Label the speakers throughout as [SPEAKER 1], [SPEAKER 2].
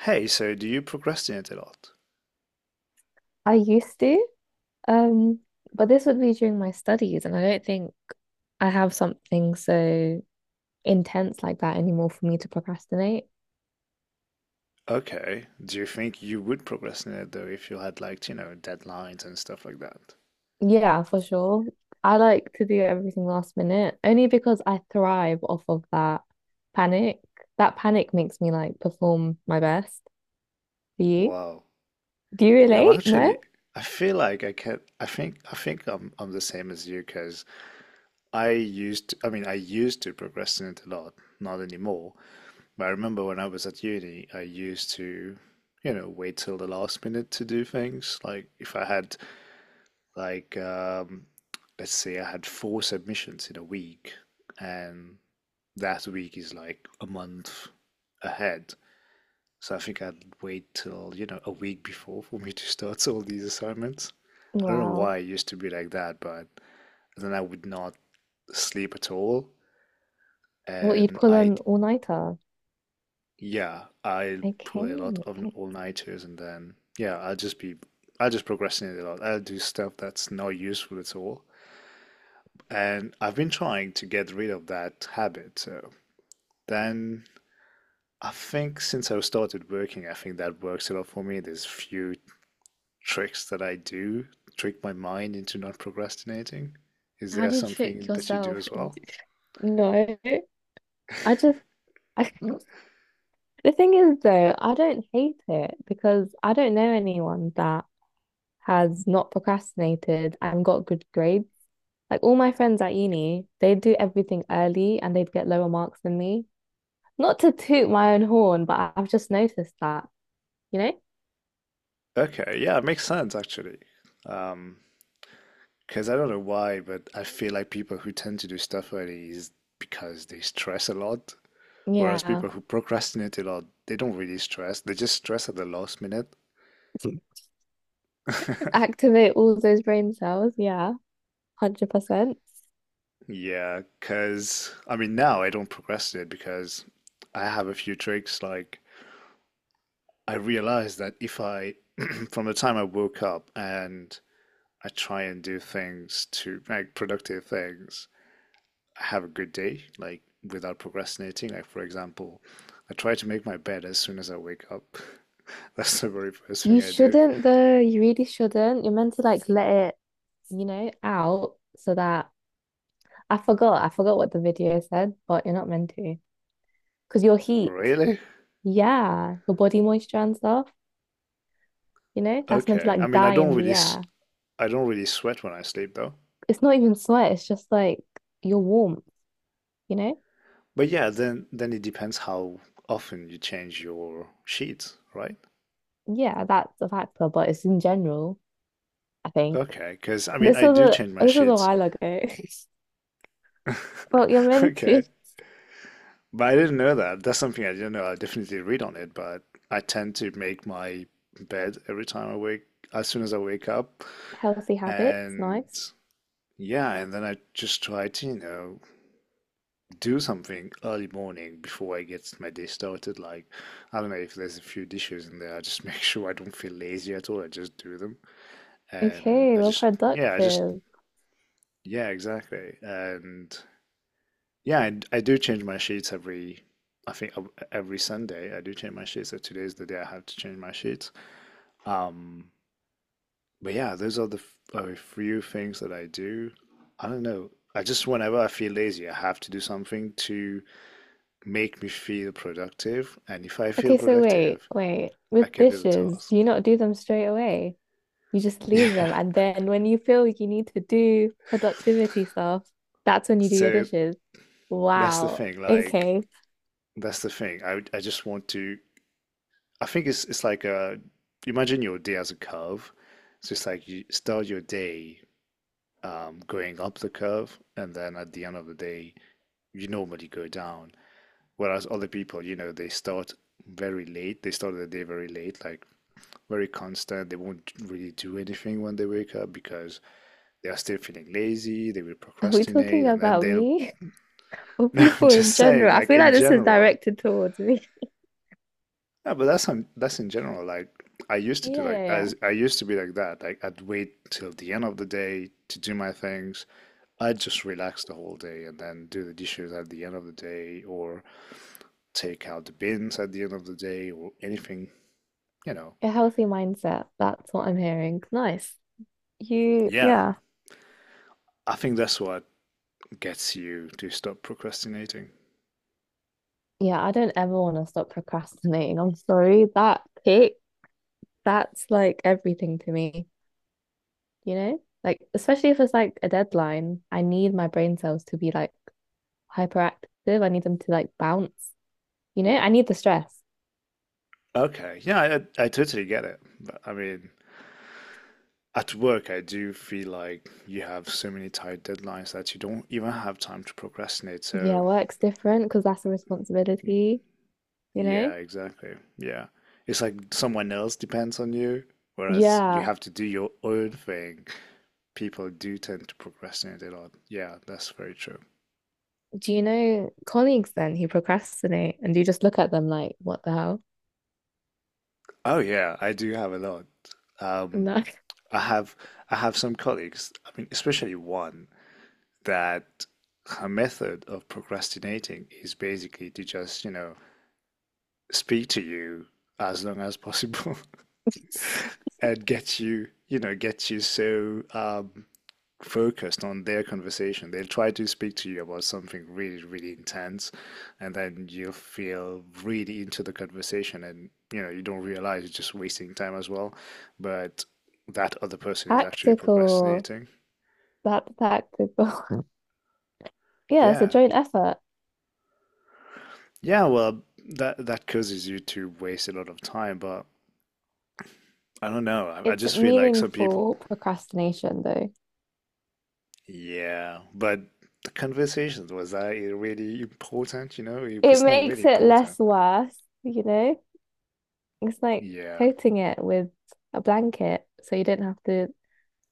[SPEAKER 1] Hey, so do you procrastinate a lot?
[SPEAKER 2] I used to, um, but this would be during my studies, and I don't think I have something so intense like that anymore for me to procrastinate.
[SPEAKER 1] Okay. Do you think you would procrastinate though if you had like, you know, deadlines and stuff like that?
[SPEAKER 2] Yeah, for sure. I like to do everything last minute only because I thrive off of that panic. That panic makes me like perform my best. Do you?
[SPEAKER 1] Wow.
[SPEAKER 2] Do you
[SPEAKER 1] Yeah, well,
[SPEAKER 2] relate? No?
[SPEAKER 1] actually, I feel like I can I think I'm the same as you because I used to, I mean, I used to procrastinate a lot, not anymore. But I remember when I was at uni, I used to, you know, wait till the last minute to do things. Like if I had like, let's say I had four submissions in a week, and that week is like a month ahead. So I think I'd wait till, you know, a week before for me to start all these assignments. I don't know
[SPEAKER 2] Wow.
[SPEAKER 1] why it used to be like that, but then I would not sleep at all.
[SPEAKER 2] What, you'd
[SPEAKER 1] And
[SPEAKER 2] pull
[SPEAKER 1] I,
[SPEAKER 2] an all-nighter?
[SPEAKER 1] yeah, I play a lot
[SPEAKER 2] Okay,
[SPEAKER 1] of
[SPEAKER 2] okay.
[SPEAKER 1] all-nighters and then, yeah, I'll just be, I'll just procrastinate a lot. I'll do stuff that's not useful at all. And I've been trying to get rid of that habit. So then I think since I started working, I think that works a lot for me. There's few tricks that I do, trick my mind into not procrastinating. Is
[SPEAKER 2] How
[SPEAKER 1] there
[SPEAKER 2] do you trick
[SPEAKER 1] something that you do
[SPEAKER 2] yourself
[SPEAKER 1] as well?
[SPEAKER 2] into... No, I just, I the thing is, though, I don't hate it because I don't know anyone that has not procrastinated and got good grades. Like all my friends at uni, they'd do everything early and they'd get lower marks than me. Not to toot my own horn, but I've just noticed that, you know?
[SPEAKER 1] Okay, yeah, it makes sense actually. Um, because I don't know why, but I feel like people who tend to do stuff early is because they stress a lot, whereas
[SPEAKER 2] Yeah.
[SPEAKER 1] people who procrastinate a lot, they don't really stress. They just stress at the last minute.
[SPEAKER 2] Activate all those brain cells. Yeah, 100%.
[SPEAKER 1] Yeah, because I mean, now I don't procrastinate because I have a few tricks. Like, I realized that if I, from the time I woke up and I try and do things to like productive things, I have a good day, like without procrastinating. Like, for example, I try to make my bed as soon as I wake up. That's the very first
[SPEAKER 2] You
[SPEAKER 1] thing I do.
[SPEAKER 2] shouldn't, though. You really shouldn't. You're meant to like let it, you know, out so that... I forgot. I forgot what the video said, but you're not meant to. Because your heat,
[SPEAKER 1] Really?
[SPEAKER 2] yeah, your body moisture and stuff, you know, that's meant to
[SPEAKER 1] Okay. I
[SPEAKER 2] like
[SPEAKER 1] mean, I
[SPEAKER 2] die
[SPEAKER 1] don't
[SPEAKER 2] in the
[SPEAKER 1] really, s-
[SPEAKER 2] air.
[SPEAKER 1] I don't really sweat when I sleep though.
[SPEAKER 2] It's not even sweat, it's just like your warmth, you know?
[SPEAKER 1] But yeah, then it depends how often you change your sheets, right?
[SPEAKER 2] Yeah, that's a factor, but it's in general, I think.
[SPEAKER 1] Okay, because I mean,
[SPEAKER 2] This
[SPEAKER 1] I
[SPEAKER 2] was
[SPEAKER 1] do change my
[SPEAKER 2] this was a
[SPEAKER 1] sheets.
[SPEAKER 2] while ago. Well, you're meant to.
[SPEAKER 1] Okay, but I didn't know that. That's something I didn't know. I definitely read on it, but I tend to make my bed every time I wake, as soon as I wake up,
[SPEAKER 2] Healthy habits,
[SPEAKER 1] and
[SPEAKER 2] nice.
[SPEAKER 1] yeah, and then I just try to, you know, do something early morning before I get my day started. Like, I don't know if there's a few dishes in there. I just make sure I don't feel lazy at all. I just do them. And
[SPEAKER 2] Okay, well,
[SPEAKER 1] I just
[SPEAKER 2] productive.
[SPEAKER 1] yeah, exactly. And yeah, I do change my sheets every I think ev- every Sunday I do change my sheets. So today's the day I have to change my sheets. Um, but yeah, those are the f- a few things that I do. I don't know. I just whenever I feel lazy, I have to do something to make me feel productive. And if I feel
[SPEAKER 2] Okay, so wait,
[SPEAKER 1] productive,
[SPEAKER 2] wait.
[SPEAKER 1] I
[SPEAKER 2] With
[SPEAKER 1] can do the
[SPEAKER 2] dishes,
[SPEAKER 1] task.
[SPEAKER 2] do you not do them straight away? You just leave
[SPEAKER 1] Yeah.
[SPEAKER 2] them. And then when you feel like you need to do productivity stuff, that's when you do your
[SPEAKER 1] So
[SPEAKER 2] dishes.
[SPEAKER 1] that's the
[SPEAKER 2] Wow.
[SPEAKER 1] thing. Like
[SPEAKER 2] Okay.
[SPEAKER 1] that's the thing. I just want to I think it's like imagine your day as a curve. So it's like you start your day going up the curve and then at the end of the day you normally go down. Whereas other people, you know, they start very late. They start the day very late, like very constant. They won't really do anything when they wake up because they are still feeling lazy, they will
[SPEAKER 2] Are we
[SPEAKER 1] procrastinate
[SPEAKER 2] talking
[SPEAKER 1] and then
[SPEAKER 2] about
[SPEAKER 1] they'll
[SPEAKER 2] me or
[SPEAKER 1] no, I'm
[SPEAKER 2] people in
[SPEAKER 1] just saying,
[SPEAKER 2] general? I
[SPEAKER 1] like
[SPEAKER 2] feel
[SPEAKER 1] in
[SPEAKER 2] like this is
[SPEAKER 1] general.
[SPEAKER 2] directed towards me.
[SPEAKER 1] Yeah, but that's in general. Like I used to do
[SPEAKER 2] Yeah,
[SPEAKER 1] like
[SPEAKER 2] yeah,
[SPEAKER 1] as I used to be like that. Like I'd wait till the end of the day to do my things. I'd just relax the whole day and then do the dishes at the end of the day, or take out the bins at the end of the day, or anything. You know.
[SPEAKER 2] yeah. A healthy mindset. That's what I'm hearing. Nice. You,
[SPEAKER 1] Yeah,
[SPEAKER 2] yeah.
[SPEAKER 1] I think that's what gets you to stop procrastinating.
[SPEAKER 2] Yeah, I don't ever want to stop procrastinating. I'm sorry. That kick, that's like everything to me, you know? Like, especially if it's like a deadline, I need my brain cells to be like hyperactive. I need them to like bounce, you know? I need the stress.
[SPEAKER 1] Okay, yeah, I totally get it. But I mean, at work, I do feel like you have so many tight deadlines that you don't even have time to procrastinate.
[SPEAKER 2] Yeah,
[SPEAKER 1] So.
[SPEAKER 2] work's different because that's a
[SPEAKER 1] Y-
[SPEAKER 2] responsibility, you know?
[SPEAKER 1] yeah, exactly. Yeah. It's like someone else depends on you, whereas you
[SPEAKER 2] Yeah.
[SPEAKER 1] have to do your own thing. People do tend to procrastinate a lot. Yeah, that's very true.
[SPEAKER 2] Do you know colleagues then who procrastinate and you just look at them like, what the hell?
[SPEAKER 1] Oh yeah, I do have a lot. Um,
[SPEAKER 2] No.
[SPEAKER 1] I have I have some colleagues, I mean, especially one that her method of procrastinating is basically to just, you know, speak to you as long as possible and get you, you know, get you so focused on their conversation. They'll try to speak to you about something really, really intense, and then you feel really into the conversation, and you know, you don't realize you're just wasting time as well. But that other person is actually
[SPEAKER 2] Tactical.
[SPEAKER 1] procrastinating.
[SPEAKER 2] That's tactical. Yeah, it's a
[SPEAKER 1] Yeah.
[SPEAKER 2] joint effort.
[SPEAKER 1] Yeah, well, that causes you to waste a lot of time, but I don't know. I
[SPEAKER 2] It's
[SPEAKER 1] just feel like some people,
[SPEAKER 2] meaningful procrastination, though.
[SPEAKER 1] yeah, but the conversations was that really important, you know? It
[SPEAKER 2] It
[SPEAKER 1] was not really
[SPEAKER 2] makes it
[SPEAKER 1] important.
[SPEAKER 2] less worse, you know? It's like
[SPEAKER 1] Yeah.
[SPEAKER 2] coating it with a blanket so you do not have to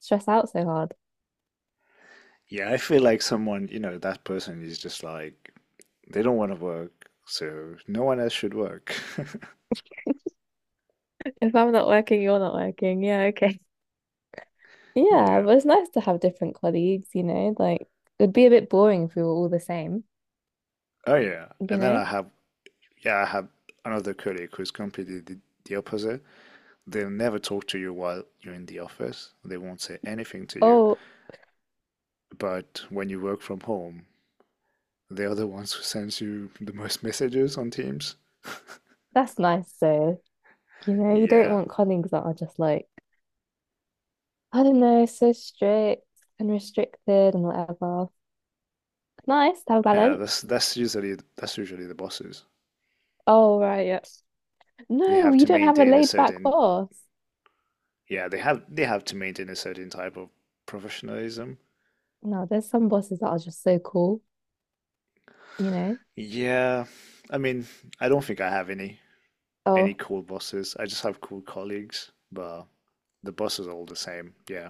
[SPEAKER 2] stress out so hard.
[SPEAKER 1] Yeah, I feel like someone, you know, that person is just like, they don't want to work, so no one else should work.
[SPEAKER 2] If I'm not working, you're not working. Yeah, okay. Yeah,
[SPEAKER 1] Yeah.
[SPEAKER 2] but it's nice to have different colleagues, you know, like it'd be a bit boring if we were all the same,
[SPEAKER 1] Oh, yeah.
[SPEAKER 2] you
[SPEAKER 1] And then
[SPEAKER 2] know?
[SPEAKER 1] I have, yeah, I have another colleague who's completely the opposite. They'll never talk to you while you're in the office. They won't say anything to you.
[SPEAKER 2] Oh,
[SPEAKER 1] But when you work from home, they are the ones who sends you the most messages on Teams.
[SPEAKER 2] that's nice though. You know, you don't
[SPEAKER 1] Yeah.
[SPEAKER 2] want colleagues that are just like, I don't know, so strict and restricted and whatever. Nice to have a
[SPEAKER 1] Yeah,
[SPEAKER 2] balance.
[SPEAKER 1] that's usually the bosses.
[SPEAKER 2] Oh, right, yeah.
[SPEAKER 1] They
[SPEAKER 2] No,
[SPEAKER 1] have
[SPEAKER 2] you
[SPEAKER 1] to
[SPEAKER 2] don't have a
[SPEAKER 1] maintain a
[SPEAKER 2] laid back
[SPEAKER 1] certain
[SPEAKER 2] boss.
[SPEAKER 1] yeah, they have to maintain a certain type of professionalism.
[SPEAKER 2] No, there's some bosses that are just so cool, you know?
[SPEAKER 1] Yeah, I mean, I don't think I have any
[SPEAKER 2] Oh,
[SPEAKER 1] cool bosses. I just have cool colleagues, but the bosses are all the same. Yeah.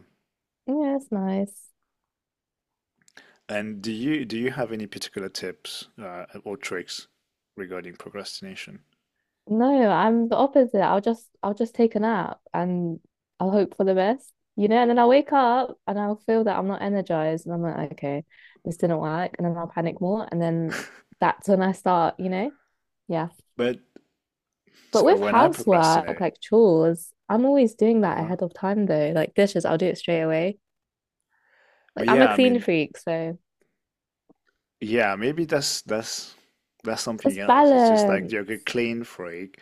[SPEAKER 2] yeah, it's nice.
[SPEAKER 1] And do you have any particular tips or tricks regarding procrastination?
[SPEAKER 2] No, I'm the opposite. I'll just take a nap and I'll hope for the best, you know, and then I'll wake up and I'll feel that I'm not energized and I'm like, okay, this didn't work, and then I'll panic more and then that's when I start, you know? Yeah.
[SPEAKER 1] But
[SPEAKER 2] But
[SPEAKER 1] so
[SPEAKER 2] with
[SPEAKER 1] when I
[SPEAKER 2] housework,
[SPEAKER 1] procrastinate,
[SPEAKER 2] like chores, I'm always doing that
[SPEAKER 1] uh-huh.
[SPEAKER 2] ahead of time though. Like dishes, I'll do it straight away. Like
[SPEAKER 1] But
[SPEAKER 2] I'm a
[SPEAKER 1] yeah, I
[SPEAKER 2] clean
[SPEAKER 1] mean,
[SPEAKER 2] freak, so
[SPEAKER 1] yeah, maybe that's something
[SPEAKER 2] it's
[SPEAKER 1] else. It's just like
[SPEAKER 2] balance.
[SPEAKER 1] you're a clean freak.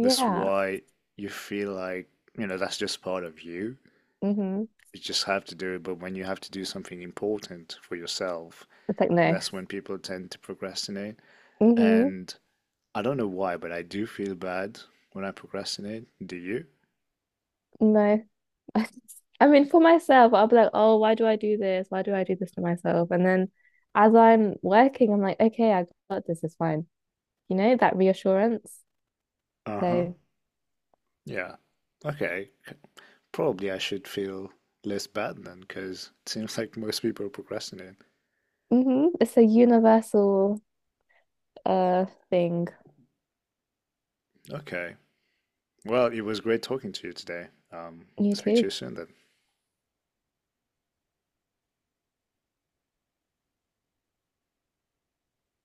[SPEAKER 1] That's why you feel like, you know, that's just part of you.
[SPEAKER 2] Mm-hmm.
[SPEAKER 1] You just have to do it. But when you have to do something important for yourself,
[SPEAKER 2] It's like no.
[SPEAKER 1] that's when people tend to procrastinate.
[SPEAKER 2] Mm-hmm.
[SPEAKER 1] And I don't know why, but I do feel bad when I procrastinate. Do you?
[SPEAKER 2] No. I mean, for myself, I'll be like, oh, why do I do this? Why do I do this to myself? And then as I'm working, I'm like, okay, I got this, it's fine. You know, that reassurance.
[SPEAKER 1] Uh-huh.
[SPEAKER 2] So,
[SPEAKER 1] Yeah. Okay. C- probably I should feel less bad then, because it seems like most people procrastinate.
[SPEAKER 2] mhm, it's a universal thing.
[SPEAKER 1] Okay. Well, it was great talking to you today. Um,
[SPEAKER 2] You
[SPEAKER 1] Speak to
[SPEAKER 2] too.
[SPEAKER 1] you soon then.